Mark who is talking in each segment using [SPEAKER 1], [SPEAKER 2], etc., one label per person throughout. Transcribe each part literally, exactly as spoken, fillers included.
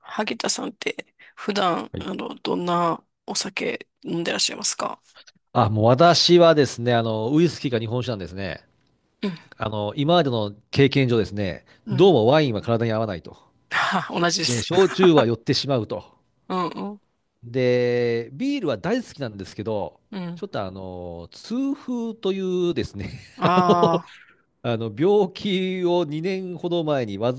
[SPEAKER 1] 萩田さんって普段、
[SPEAKER 2] はい。
[SPEAKER 1] あの、どんなお酒飲んでらっしゃいますか？
[SPEAKER 2] あ、もう私はですね、あの、ウイスキーか日本酒なんですね。
[SPEAKER 1] うん、
[SPEAKER 2] あの、今までの経験上ですね、
[SPEAKER 1] う
[SPEAKER 2] どう
[SPEAKER 1] ん。
[SPEAKER 2] もワインは体に合わないと。
[SPEAKER 1] 同じで
[SPEAKER 2] で、
[SPEAKER 1] す。
[SPEAKER 2] 焼酎は酔 ってしまうと。
[SPEAKER 1] うんうん、
[SPEAKER 2] で、ビールは大好きなんですけど、
[SPEAKER 1] うん。
[SPEAKER 2] ちょっとあの、痛風というですね、あの、
[SPEAKER 1] ああ、
[SPEAKER 2] あの病気をにねんほど前に患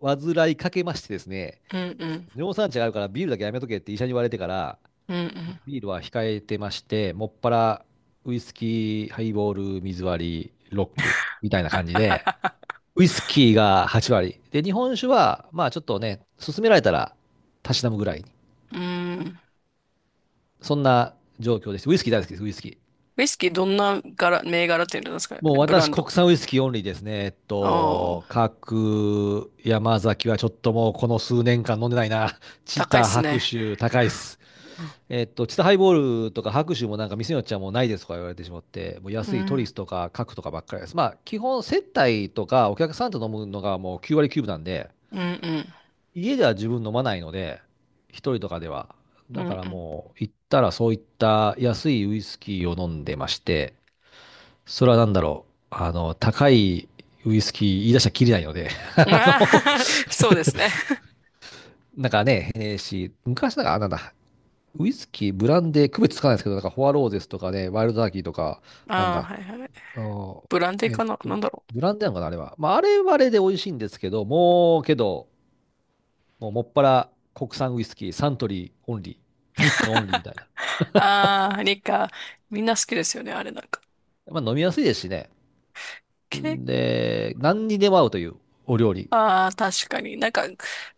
[SPEAKER 2] わず、患いかけましてですね、
[SPEAKER 1] うんうん、
[SPEAKER 2] 尿酸値があるからビールだけやめとけって医者に言われてから、
[SPEAKER 1] うん
[SPEAKER 2] ビールは控えてまして、もっぱらウイスキー、ハイボール、水割り、ロックみたいな
[SPEAKER 1] うん。
[SPEAKER 2] 感じで、ウイスキーがはち割。で、日本酒は、まあちょっとね、勧められたら、たしなむぐらいに。
[SPEAKER 1] うん。
[SPEAKER 2] そんな状況です。ウイスキー大好きです、ウイスキー。
[SPEAKER 1] ウイスキーどんな柄、銘柄っていうんですか
[SPEAKER 2] もう
[SPEAKER 1] ブラ
[SPEAKER 2] 私、
[SPEAKER 1] ン
[SPEAKER 2] 国
[SPEAKER 1] ド？
[SPEAKER 2] 産ウイスキーオンリーですね。えっ
[SPEAKER 1] あ
[SPEAKER 2] と、
[SPEAKER 1] あ、
[SPEAKER 2] 各山崎はちょっともうこの数年間飲んでないな。チ
[SPEAKER 1] 高いっ
[SPEAKER 2] タ、
[SPEAKER 1] す
[SPEAKER 2] 白
[SPEAKER 1] ね。
[SPEAKER 2] 州、高いっす。
[SPEAKER 1] うん、
[SPEAKER 2] えっと、チタハイボールとか白州もなんか店によっちゃもうないですとか言われてしまって、もう
[SPEAKER 1] う
[SPEAKER 2] 安いトリ
[SPEAKER 1] ん、
[SPEAKER 2] スとかカクとかばっかりです。まあ、基本接待とかお客さんと飲むのがもうきゅう割きゅうぶなんで、
[SPEAKER 1] うん、うん、
[SPEAKER 2] 家では自分飲まないので、一人とかでは。
[SPEAKER 1] うん。
[SPEAKER 2] だから
[SPEAKER 1] うん。
[SPEAKER 2] もう行ったらそういった安いウイスキーを飲んでまして、それは何だろう。あの、高いウイスキー言い出したらきりないので、あ
[SPEAKER 1] あ
[SPEAKER 2] の、
[SPEAKER 1] あ。 そうですね。
[SPEAKER 2] なんかね、えーし、昔なんか、あなんだ、ウイスキー、ブランデー、区別つかないですけど、なんか、フォアローゼスとかね、ワイルドターキーとか、なん
[SPEAKER 1] ああ、
[SPEAKER 2] だ、
[SPEAKER 1] はいはい。
[SPEAKER 2] あの
[SPEAKER 1] ブランデー
[SPEAKER 2] えっ
[SPEAKER 1] かな、なん
[SPEAKER 2] と、
[SPEAKER 1] だろう。
[SPEAKER 2] ブランデーなのかな、あれは。まあ、あれはあれで美味しいんですけど、もう、けど、もう、もっぱら国産ウイスキー、サントリーオンリー、日課オンリーみたいな。
[SPEAKER 1] ああ、リカ、みんな好きですよね、あれなんか。
[SPEAKER 2] まあ、飲みやすいですしね。
[SPEAKER 1] け
[SPEAKER 2] で、何にでも合うというお料理。
[SPEAKER 1] ああ、確かに。なんか、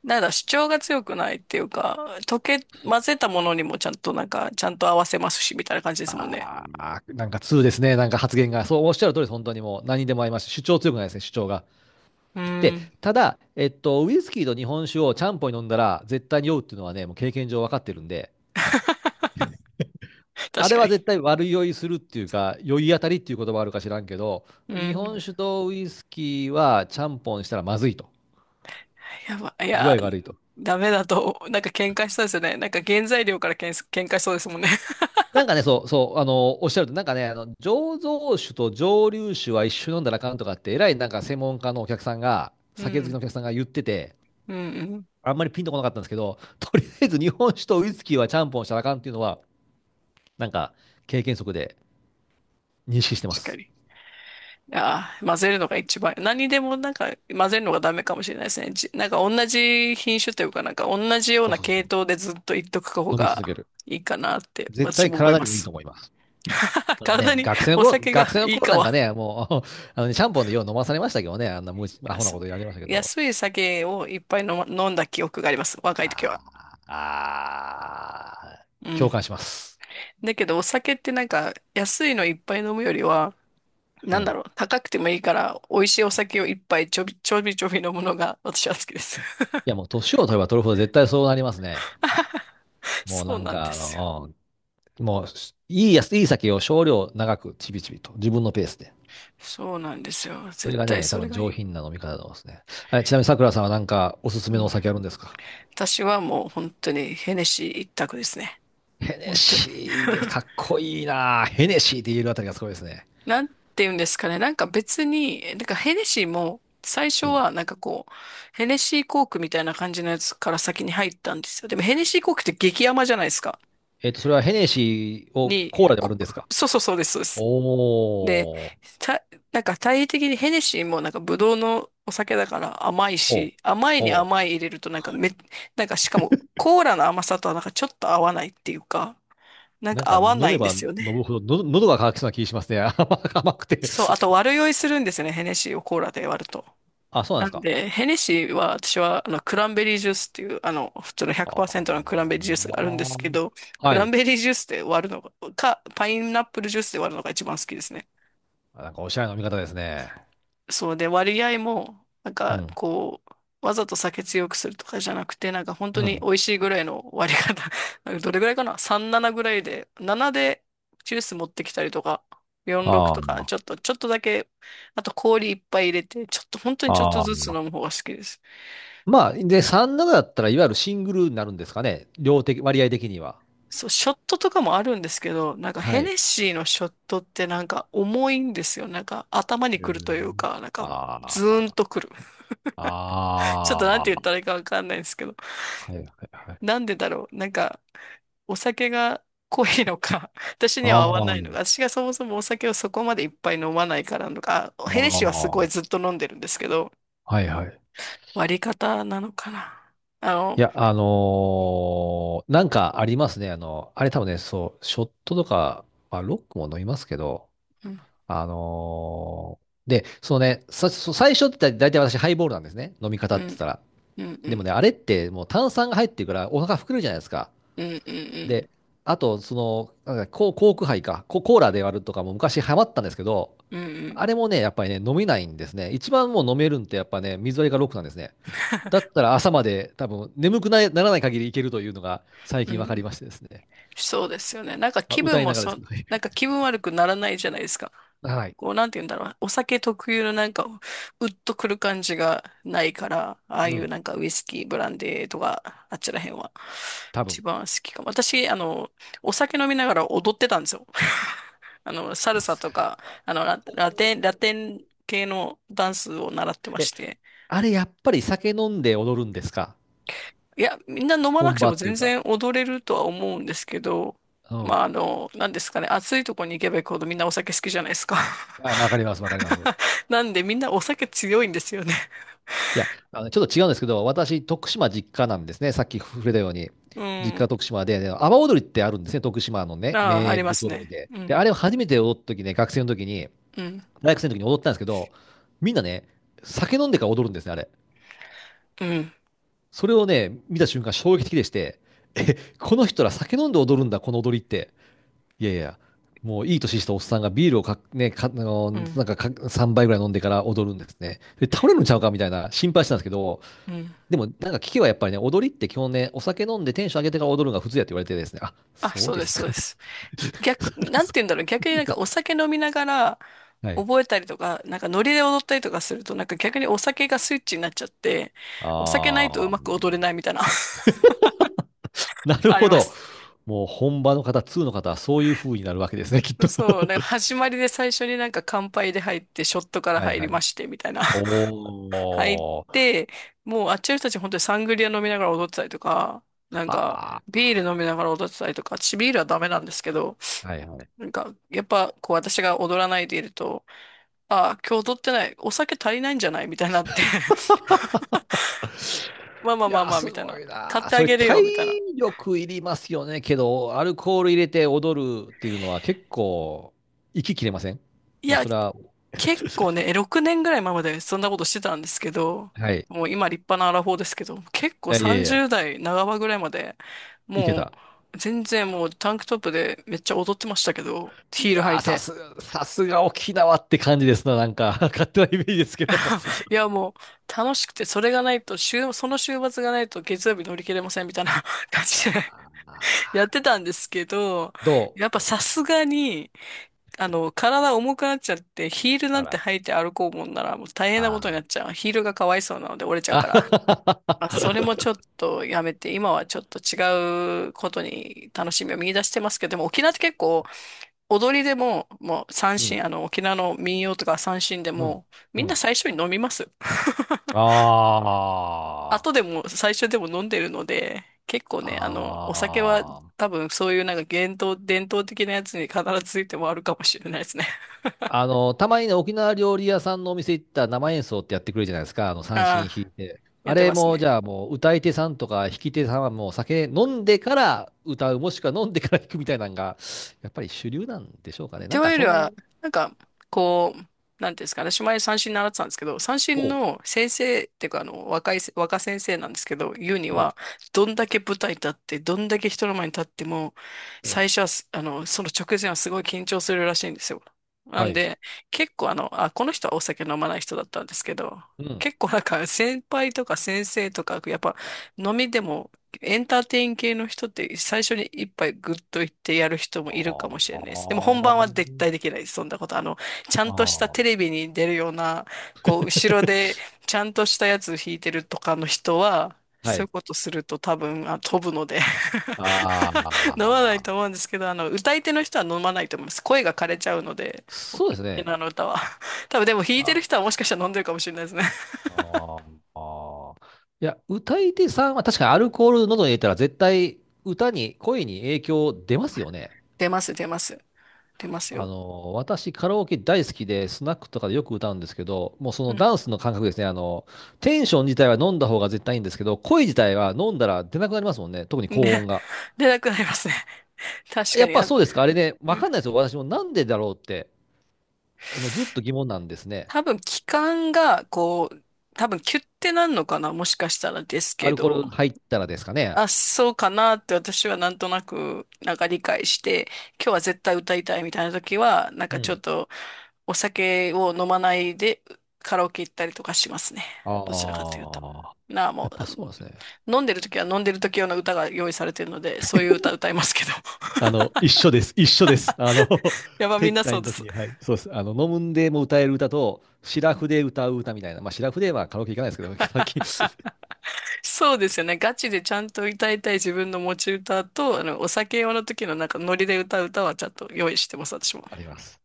[SPEAKER 1] なんだ、主張が強くないっていうか、溶け、混ぜたものにもちゃんとなんか、ちゃんと合わせますし、みたいな感じですもんね。
[SPEAKER 2] ああ、なんか通ですね。なんか発言が。そうおっしゃる通りです。本当にもう何にでも合いますし、主張強くないですね、主張が。
[SPEAKER 1] う
[SPEAKER 2] で、
[SPEAKER 1] ん。
[SPEAKER 2] ただ、えっと、ウイスキーと日本酒をちゃんぽんに飲んだら絶対に酔うっていうのはね、もう経験上分かってるんで、あ
[SPEAKER 1] 確
[SPEAKER 2] れ
[SPEAKER 1] か
[SPEAKER 2] は
[SPEAKER 1] に。
[SPEAKER 2] 絶対悪酔いするっていうか、酔い当たりっていう言葉あるか知らんけど、
[SPEAKER 1] う
[SPEAKER 2] 日
[SPEAKER 1] ん。
[SPEAKER 2] 本酒とウイスキーはちゃんぽんしたらまずいと。
[SPEAKER 1] やば、い
[SPEAKER 2] 具
[SPEAKER 1] や、
[SPEAKER 2] 合が悪いと。
[SPEAKER 1] ダメだと、なんか喧嘩しそうですよね。なんか原材料から喧嘩喧嘩しそうですもんね。
[SPEAKER 2] なんかね、そう、そう、あの、おっしゃると、なんかね、あの、醸造酒と蒸留酒は一緒に飲んだらあかんとかって、えらいなんか専門家のお客さんが、
[SPEAKER 1] う
[SPEAKER 2] 酒好きの
[SPEAKER 1] ん。
[SPEAKER 2] お客さんが言ってて、
[SPEAKER 1] うんうん。
[SPEAKER 2] あんまりピンとこなかったんですけど、とりあえず日本酒とウイスキーはちゃんぽんしたらあかんっていうのは、なんか経験則で、認識してま
[SPEAKER 1] 確か
[SPEAKER 2] す。
[SPEAKER 1] に。ああ、混ぜるのが一番。何でもなんか混ぜるのがダメかもしれないですね。じ、なんか同じ品種というか、なんか同じよう
[SPEAKER 2] そう
[SPEAKER 1] な
[SPEAKER 2] そうそ
[SPEAKER 1] 系
[SPEAKER 2] う。
[SPEAKER 1] 統でずっと言っとく方
[SPEAKER 2] 飲み続け
[SPEAKER 1] が
[SPEAKER 2] る。
[SPEAKER 1] いいかなって
[SPEAKER 2] 絶
[SPEAKER 1] 私
[SPEAKER 2] 対
[SPEAKER 1] も思い
[SPEAKER 2] 体
[SPEAKER 1] ま
[SPEAKER 2] にもいい
[SPEAKER 1] す。
[SPEAKER 2] と思います。
[SPEAKER 1] 体
[SPEAKER 2] ね、
[SPEAKER 1] に
[SPEAKER 2] 学生の
[SPEAKER 1] お
[SPEAKER 2] 頃、
[SPEAKER 1] 酒
[SPEAKER 2] 学
[SPEAKER 1] が
[SPEAKER 2] 生の
[SPEAKER 1] いい
[SPEAKER 2] 頃
[SPEAKER 1] か
[SPEAKER 2] なんか
[SPEAKER 1] は。
[SPEAKER 2] ね、もう、あのねシャンポンでよう飲まされましたけどね、あんな無知、アホな
[SPEAKER 1] 安
[SPEAKER 2] こ
[SPEAKER 1] い、
[SPEAKER 2] とやりましたけど。
[SPEAKER 1] 安い酒をいっぱい飲ま、飲んだ記憶があります。若い時は。
[SPEAKER 2] あーあ
[SPEAKER 1] う
[SPEAKER 2] ー、共
[SPEAKER 1] ん。
[SPEAKER 2] 感します。
[SPEAKER 1] だけどお酒ってなんか安いのいっぱい飲むよりは、
[SPEAKER 2] う
[SPEAKER 1] な
[SPEAKER 2] ん。
[SPEAKER 1] んだ
[SPEAKER 2] い
[SPEAKER 1] ろう、高くてもいいから美味しいお酒をいっぱいちょびちょびちょび飲むのが私は好きです。
[SPEAKER 2] や、もう年を取れば取るほど絶対そうなりますね。もう
[SPEAKER 1] そ
[SPEAKER 2] な
[SPEAKER 1] う
[SPEAKER 2] ん
[SPEAKER 1] なんで
[SPEAKER 2] か、あ
[SPEAKER 1] すよ。
[SPEAKER 2] の、うんもう、いいやつ、いい酒を少量長くちびちびと、自分のペースで。
[SPEAKER 1] そうなんですよ。
[SPEAKER 2] そ
[SPEAKER 1] 絶
[SPEAKER 2] れが
[SPEAKER 1] 対
[SPEAKER 2] ね、多
[SPEAKER 1] それ
[SPEAKER 2] 分
[SPEAKER 1] がい
[SPEAKER 2] 上
[SPEAKER 1] い。
[SPEAKER 2] 品な飲み方だと思いますね。あれちなみに桜さんはなんかおすす
[SPEAKER 1] う
[SPEAKER 2] めのお
[SPEAKER 1] ん。
[SPEAKER 2] 酒あるんですか？
[SPEAKER 1] 私はもう本当にヘネシー一択ですね。
[SPEAKER 2] ヘネ
[SPEAKER 1] 本当に。
[SPEAKER 2] シーです。か っこいいな。ヘネシーって言えるあたりがすごいですね。
[SPEAKER 1] なんて言うんですかね。なんか別に、なんかヘネシーも最初
[SPEAKER 2] うん。
[SPEAKER 1] はなんかこう、ヘネシーコークみたいな感じのやつから先に入ったんですよ。でもヘネシーコークって激甘じゃないですか。
[SPEAKER 2] えっと、それはヘネシーを
[SPEAKER 1] に、
[SPEAKER 2] コーラで割
[SPEAKER 1] こ
[SPEAKER 2] るんですか？
[SPEAKER 1] そうそうそうです、そうです。で、
[SPEAKER 2] おー、
[SPEAKER 1] たなんか体的にヘネシーもなんかブドウのお酒だから甘い
[SPEAKER 2] お、
[SPEAKER 1] し、甘いに
[SPEAKER 2] お、
[SPEAKER 1] 甘い入れるとなんかめ、なんかしかもコーラの甘さとはなんかちょっと合わないっていうか、なん
[SPEAKER 2] なん
[SPEAKER 1] か
[SPEAKER 2] か
[SPEAKER 1] 合わ
[SPEAKER 2] 飲
[SPEAKER 1] な
[SPEAKER 2] め
[SPEAKER 1] いんで
[SPEAKER 2] ば
[SPEAKER 1] す
[SPEAKER 2] 飲
[SPEAKER 1] よね。
[SPEAKER 2] むほど、の喉が渇きそうな気がしますね。甘くて。
[SPEAKER 1] そう、あと悪酔いするんですよね、ヘネシーをコーラで割ると。
[SPEAKER 2] あ、そうなんで
[SPEAKER 1] な
[SPEAKER 2] す
[SPEAKER 1] ん
[SPEAKER 2] か。
[SPEAKER 1] で、ヘネシーは私はあのクランベリージュースっていうあの普通の
[SPEAKER 2] あ
[SPEAKER 1] ひゃくパーセントのクランベリージュースがあるんですけ
[SPEAKER 2] ー、
[SPEAKER 1] ど、ク
[SPEAKER 2] は
[SPEAKER 1] ラン
[SPEAKER 2] い。
[SPEAKER 1] ベリージュースで割るのが、か、パイナップルジュースで割るのが一番好きですね。
[SPEAKER 2] なんかおしゃれな飲み方ですね。
[SPEAKER 1] そうで、割合も、なん
[SPEAKER 2] う
[SPEAKER 1] か、
[SPEAKER 2] ん、
[SPEAKER 1] こう、わざと酒強くするとかじゃなくて、なんか本当
[SPEAKER 2] う
[SPEAKER 1] に美
[SPEAKER 2] ん。
[SPEAKER 1] 味しいぐらいの割り方。なんかどれぐらいかな？ さんなな ぐらいで、ななでジュース持ってきたりとか、よんろく
[SPEAKER 2] あ
[SPEAKER 1] とか、
[SPEAKER 2] ー
[SPEAKER 1] ちょっと、ちょっとだけ、あと氷いっぱい入れて、ちょっと、本当にちょっと
[SPEAKER 2] あ
[SPEAKER 1] ずつ
[SPEAKER 2] ー。
[SPEAKER 1] 飲む方が好きです。
[SPEAKER 2] まあ、で、さんなななだったら、いわゆるシングルになるんですかね。量的、割合的には。
[SPEAKER 1] そう、ショットとかもあるんですけど、なんか
[SPEAKER 2] は
[SPEAKER 1] ヘ
[SPEAKER 2] い。
[SPEAKER 1] ネシーのショットってなんか重いんですよ。なんか頭
[SPEAKER 2] え
[SPEAKER 1] にくるというか、なん
[SPEAKER 2] ー、
[SPEAKER 1] かズ
[SPEAKER 2] あ
[SPEAKER 1] ーン
[SPEAKER 2] あ、
[SPEAKER 1] とくる。ちょっ
[SPEAKER 2] あ
[SPEAKER 1] となん
[SPEAKER 2] あ、
[SPEAKER 1] て言ったらいいかわかんないんですけど。
[SPEAKER 2] はいはいはい。
[SPEAKER 1] なんでだろう。なんかお酒が濃いのか、私には合わ
[SPEAKER 2] ああ、
[SPEAKER 1] ないのか、私がそもそもお酒をそこまでいっぱい飲まないからなのか、あヘネ
[SPEAKER 2] あ
[SPEAKER 1] シーはすごい
[SPEAKER 2] あ、
[SPEAKER 1] ずっと飲んでるんですけど、
[SPEAKER 2] はいはい。
[SPEAKER 1] 割り方なのかな。あ
[SPEAKER 2] い
[SPEAKER 1] の、
[SPEAKER 2] や、あのーなんかありますね。あの、あれ多分ね、そう、ショットとか、まあ、ロックも飲みますけど、
[SPEAKER 1] うん、
[SPEAKER 2] あのーで、そのね、さ、そう最初って大体私ハイボールなんですね。飲み方
[SPEAKER 1] う
[SPEAKER 2] って言っ
[SPEAKER 1] ん、
[SPEAKER 2] たら。
[SPEAKER 1] うん、う
[SPEAKER 2] でも
[SPEAKER 1] ん、
[SPEAKER 2] ね、あれってもう炭酸が入ってるからお腹膨れるじゃないですか。
[SPEAKER 1] うん、うん、
[SPEAKER 2] で、あと、その、なんかココーク杯か、ココーラで割るとかも昔ハマったんですけど、
[SPEAKER 1] うん、うん、
[SPEAKER 2] あれもね、やっぱりね、飲めないんですね。一番もう飲めるんってやっぱね、水割りがロックなんですね。だったら朝まで多分眠くないならない限りいけるというのが最
[SPEAKER 1] うん、
[SPEAKER 2] 近
[SPEAKER 1] う
[SPEAKER 2] 分かり
[SPEAKER 1] ん、
[SPEAKER 2] ましてですね。
[SPEAKER 1] そうですよね。なんか
[SPEAKER 2] まあ、
[SPEAKER 1] 気
[SPEAKER 2] 歌
[SPEAKER 1] 分
[SPEAKER 2] い
[SPEAKER 1] も
[SPEAKER 2] ながらです
[SPEAKER 1] そ、
[SPEAKER 2] けどね。
[SPEAKER 1] なんか 気分悪くならないじゃないですか。
[SPEAKER 2] はい。
[SPEAKER 1] こう、なんて言うんだろう。お酒特有のなんか、うっとくる感じがないから、ああ
[SPEAKER 2] う
[SPEAKER 1] いう
[SPEAKER 2] ん、
[SPEAKER 1] なんかウイスキー、ブランデーとか、あっちらへんは、
[SPEAKER 2] 多
[SPEAKER 1] 一
[SPEAKER 2] 分。
[SPEAKER 1] 番好きかも。私、あの、お酒飲みながら踊ってたんですよ。あの、サル
[SPEAKER 2] で
[SPEAKER 1] サ
[SPEAKER 2] す
[SPEAKER 1] と
[SPEAKER 2] か？
[SPEAKER 1] か、あの、ラ、
[SPEAKER 2] お
[SPEAKER 1] ラテン、ラ
[SPEAKER 2] ー。
[SPEAKER 1] テン系のダンスを習ってま
[SPEAKER 2] え、
[SPEAKER 1] して。
[SPEAKER 2] あれやっぱり酒飲んで踊るんですか？
[SPEAKER 1] いや、みんな飲まなく
[SPEAKER 2] 本
[SPEAKER 1] て
[SPEAKER 2] 場
[SPEAKER 1] も
[SPEAKER 2] ってい
[SPEAKER 1] 全
[SPEAKER 2] うか。
[SPEAKER 1] 然踊れるとは思うんですけど、
[SPEAKER 2] う
[SPEAKER 1] ま
[SPEAKER 2] ん。
[SPEAKER 1] あ、あの、なんですかね、暑いとこに行けば行くほどみんなお酒好きじゃないですか。
[SPEAKER 2] あ、わかります、わかります。
[SPEAKER 1] なんでみんなお酒強いんですよね。
[SPEAKER 2] いや、あの、ちょっと違うんですけど、私、徳島実家なんですね。さっき触れたように。
[SPEAKER 1] う
[SPEAKER 2] 実家
[SPEAKER 1] ん。
[SPEAKER 2] 徳島で、で、阿波踊りってあるんですね。徳島のね、
[SPEAKER 1] ああ、あ
[SPEAKER 2] 名
[SPEAKER 1] りま
[SPEAKER 2] 物
[SPEAKER 1] す
[SPEAKER 2] 踊り
[SPEAKER 1] ね。
[SPEAKER 2] で。
[SPEAKER 1] う
[SPEAKER 2] で、
[SPEAKER 1] ん、
[SPEAKER 2] あれを初めて踊った時ね、学生の時に、
[SPEAKER 1] うん、
[SPEAKER 2] 大学生の時に踊ったんですけど、みんなね、酒飲んでから踊るんですね、あれ。
[SPEAKER 1] うん、
[SPEAKER 2] それをね、見た瞬間衝撃的でして、え、この人ら酒飲んで踊るんだ、この踊りって。いやいや、もういい年したおっさんがビールをか、ね、か、あの、
[SPEAKER 1] うん、
[SPEAKER 2] なんかかさんばいぐらい飲んでから踊るんですね。で、倒れるんちゃうかみたいな心配したんですけど、
[SPEAKER 1] うん。
[SPEAKER 2] でも、なんか聞けばやっぱりね、踊りって基本ね、お酒飲んでテンション上げてから踊るのが普通やって言われてですね、あ、
[SPEAKER 1] あ、
[SPEAKER 2] そう
[SPEAKER 1] そう
[SPEAKER 2] で
[SPEAKER 1] で
[SPEAKER 2] す
[SPEAKER 1] す、
[SPEAKER 2] か、
[SPEAKER 1] そうで
[SPEAKER 2] みたい
[SPEAKER 1] す。
[SPEAKER 2] な。
[SPEAKER 1] 逆、
[SPEAKER 2] それ
[SPEAKER 1] なん
[SPEAKER 2] す
[SPEAKER 1] て言うんだろう、逆に
[SPEAKER 2] ご
[SPEAKER 1] な
[SPEAKER 2] い
[SPEAKER 1] ん
[SPEAKER 2] な。
[SPEAKER 1] かお酒飲みながら
[SPEAKER 2] はい。
[SPEAKER 1] 覚えたりとか、なんかノリで踊ったりとかすると、なんか逆にお酒がスイッチになっちゃって、お酒ないと
[SPEAKER 2] あ
[SPEAKER 1] うまく踊
[SPEAKER 2] ー。
[SPEAKER 1] れないみたいな。
[SPEAKER 2] なる
[SPEAKER 1] あり
[SPEAKER 2] ほ
[SPEAKER 1] ま
[SPEAKER 2] ど。
[SPEAKER 1] す。
[SPEAKER 2] もう本場の方、2の方はそういう風になるわけですね、きっと。
[SPEAKER 1] そう、なんか始まりで最初になんか乾杯で入って、ショットから
[SPEAKER 2] はい
[SPEAKER 1] 入り
[SPEAKER 2] はい。
[SPEAKER 1] まして、みたいな。入っ
[SPEAKER 2] おー。
[SPEAKER 1] て、もうあっちの人たち本当にサングリア飲みながら踊ってたりとか、なんか
[SPEAKER 2] あ
[SPEAKER 1] ビール飲みながら踊ってたりとか、私ビールはダメなんですけど、
[SPEAKER 2] ー。はいはい。
[SPEAKER 1] なんかやっぱこう私が踊らないでいると、ああ、今日踊ってない、お酒足りないんじゃないみたいになって まあまあ
[SPEAKER 2] い
[SPEAKER 1] ま
[SPEAKER 2] や
[SPEAKER 1] あ
[SPEAKER 2] ー、
[SPEAKER 1] まあ、
[SPEAKER 2] す
[SPEAKER 1] みたい
[SPEAKER 2] ご
[SPEAKER 1] な。
[SPEAKER 2] い
[SPEAKER 1] 買っ
[SPEAKER 2] なー。
[SPEAKER 1] て
[SPEAKER 2] そ
[SPEAKER 1] あ
[SPEAKER 2] れ
[SPEAKER 1] げる
[SPEAKER 2] 体
[SPEAKER 1] よ、みたいな。
[SPEAKER 2] 力いりますよね。けど、アルコール入れて踊るっていうのは結構、息切れません？
[SPEAKER 1] い
[SPEAKER 2] まあ、
[SPEAKER 1] や、
[SPEAKER 2] それは、
[SPEAKER 1] 結構ね、ろくねんぐらい前までそんなことしてたんですけど、
[SPEAKER 2] はい。い
[SPEAKER 1] もう今立派なアラフォーですけど、結構
[SPEAKER 2] やいやいや、
[SPEAKER 1] さんじゅう代半ばぐらいまで、
[SPEAKER 2] いけ
[SPEAKER 1] も
[SPEAKER 2] た。
[SPEAKER 1] う全然もうタンクトップでめっちゃ踊ってましたけど、
[SPEAKER 2] い
[SPEAKER 1] ヒール履
[SPEAKER 2] や
[SPEAKER 1] い
[SPEAKER 2] ー、さ
[SPEAKER 1] て。
[SPEAKER 2] す、さすが沖縄って感じですな、なんか、勝手なイメージですけど。
[SPEAKER 1] いやもう楽しくて、それがないと、週、その週末がないと月曜日乗り切れませんみたいな 感じで
[SPEAKER 2] あ
[SPEAKER 1] やっ
[SPEAKER 2] ー。
[SPEAKER 1] てたんですけど、
[SPEAKER 2] ど
[SPEAKER 1] やっぱ
[SPEAKER 2] う。
[SPEAKER 1] さすがに、あの、体重くなっちゃって、ヒールな
[SPEAKER 2] あ
[SPEAKER 1] んて
[SPEAKER 2] ら、
[SPEAKER 1] 履いて歩こうもんならもう大変なこ
[SPEAKER 2] あ
[SPEAKER 1] とに
[SPEAKER 2] ー。
[SPEAKER 1] なっちゃう。ヒールがかわいそうなので折れちゃう
[SPEAKER 2] あ
[SPEAKER 1] か
[SPEAKER 2] は
[SPEAKER 1] ら。
[SPEAKER 2] は
[SPEAKER 1] まあ、それもち
[SPEAKER 2] は、
[SPEAKER 1] ょっとやめて、今はちょっと違うことに楽しみを見出してますけど、でも沖縄って結構踊りでも、もう 三
[SPEAKER 2] うん、
[SPEAKER 1] 線、あの沖縄の民謡とか三線で
[SPEAKER 2] うん、
[SPEAKER 1] も、
[SPEAKER 2] う
[SPEAKER 1] みんな
[SPEAKER 2] ん。
[SPEAKER 1] 最初に飲みます。
[SPEAKER 2] あ
[SPEAKER 1] 後で
[SPEAKER 2] ー
[SPEAKER 1] も最初でも飲んでるので、結構ね、あの、お酒は
[SPEAKER 2] あー。
[SPEAKER 1] 多分そういうなんか伝統、伝統的なやつに必ずついてもあるかもしれないですね。
[SPEAKER 2] あの、たまにね、沖縄料理屋さんのお店行ったら生演奏ってやってくれるじゃないですか、あの、三
[SPEAKER 1] あ
[SPEAKER 2] 線弾い
[SPEAKER 1] あ、
[SPEAKER 2] て。
[SPEAKER 1] や
[SPEAKER 2] あ
[SPEAKER 1] って
[SPEAKER 2] れ
[SPEAKER 1] ます
[SPEAKER 2] も、じ
[SPEAKER 1] ね。
[SPEAKER 2] ゃあもう、歌い手さんとか弾き手さんはもう酒飲んでから歌う、もしくは飲んでから弾くみたいなのが、やっぱり主流なんでしょうかね。
[SPEAKER 1] と
[SPEAKER 2] なん
[SPEAKER 1] い
[SPEAKER 2] か
[SPEAKER 1] うより
[SPEAKER 2] そん。
[SPEAKER 1] は、なんか、こう、なんていうんですかね、私前三振習ってたんですけど、三振
[SPEAKER 2] おう、
[SPEAKER 1] の先生っていうか、あの、若いせ、若先生なんですけど、言うに
[SPEAKER 2] うん、
[SPEAKER 1] は、どんだけ舞台立って、どんだけ人の前に立っても、
[SPEAKER 2] うん、
[SPEAKER 1] 最初はす、あの、その直前はすごい緊張するらしいんですよ。な
[SPEAKER 2] は
[SPEAKER 1] ん
[SPEAKER 2] い、
[SPEAKER 1] で、結構あの、あ、この人はお酒飲まない人だったんですけど、
[SPEAKER 2] うん。
[SPEAKER 1] 結構なんか先輩とか先生とか、やっぱ飲みでもエンターテイン系の人って最初に一杯グッといってやる人もいるか
[SPEAKER 2] あ
[SPEAKER 1] もしれないです。でも
[SPEAKER 2] ー
[SPEAKER 1] 本番は絶対できないです。そんなこと。あの、ちゃ
[SPEAKER 2] あ
[SPEAKER 1] んとしたテ
[SPEAKER 2] ー、
[SPEAKER 1] レビに出るような、こう、後ろで ちゃんとしたやつ弾いてるとかの人は、
[SPEAKER 2] は
[SPEAKER 1] そういう
[SPEAKER 2] い。
[SPEAKER 1] ことすると多分、あ、飛ぶので 飲
[SPEAKER 2] あ
[SPEAKER 1] まない
[SPEAKER 2] あ、
[SPEAKER 1] と思うんですけど、あの、歌い手の人は飲まないと思います。声が枯れちゃうので、沖
[SPEAKER 2] そうですね。
[SPEAKER 1] 縄の歌は。多分でも弾いてる
[SPEAKER 2] あ、
[SPEAKER 1] 人はもしかしたら飲んでるかもしれないですね。
[SPEAKER 2] あー、あー。いや、歌い手さんは確かにアルコール喉に入れたら絶対歌に、声に影響出ますよね。
[SPEAKER 1] 出ます、出ます。出ます
[SPEAKER 2] あ
[SPEAKER 1] よ。
[SPEAKER 2] の、私カラオケ大好きで、スナックとかでよく歌うんですけど、もうそ
[SPEAKER 1] う
[SPEAKER 2] の
[SPEAKER 1] ん。
[SPEAKER 2] ダンスの感覚ですね。あの、テンション自体は飲んだ方が絶対いいんですけど、声自体は飲んだら出なくなりますもんね。特に
[SPEAKER 1] で、
[SPEAKER 2] 高音が。
[SPEAKER 1] 出なくなりますね。確
[SPEAKER 2] や
[SPEAKER 1] か
[SPEAKER 2] っ
[SPEAKER 1] に、
[SPEAKER 2] ぱ
[SPEAKER 1] あ、
[SPEAKER 2] そうですか、あれね、わ
[SPEAKER 1] うん、
[SPEAKER 2] かんないですよ、私もなんでだろうって、あのずっと疑問なんですね。
[SPEAKER 1] 多分気管が、こう、多分キュッてなんのかな、もしかしたらです
[SPEAKER 2] ア
[SPEAKER 1] け
[SPEAKER 2] ルコール
[SPEAKER 1] ど、
[SPEAKER 2] 入ったらですかね。
[SPEAKER 1] あ、そうかなって私はなんとなく、なんか理解して、今日は絶対歌いたいみたいな時は、なん
[SPEAKER 2] う
[SPEAKER 1] かちょ
[SPEAKER 2] ん。
[SPEAKER 1] っとお酒を飲まないでカラオケ行ったりとかしますね。どちらかというと。
[SPEAKER 2] ああ、
[SPEAKER 1] なあ、も
[SPEAKER 2] やっぱそうなんですね。
[SPEAKER 1] う、飲んでる時は飲んでる時用の歌が用意されてるので、そういう歌歌いますけど。
[SPEAKER 2] あの、一緒です。一緒です。あの、
[SPEAKER 1] やば、みん
[SPEAKER 2] 接
[SPEAKER 1] なそ
[SPEAKER 2] 待
[SPEAKER 1] う
[SPEAKER 2] の
[SPEAKER 1] で
[SPEAKER 2] 時
[SPEAKER 1] す。
[SPEAKER 2] に、はい、そうです。あの、飲むんでも歌える歌と、シラフで歌う歌みたいな、まあ、シラフではカラオケ行かないですけど、最近
[SPEAKER 1] そうですよね。ガチでちゃんと歌いたい自分の持ち歌と、あの、お酒用の時のなんかノリで歌う歌はちゃんと用意してます、私も。
[SPEAKER 2] あります。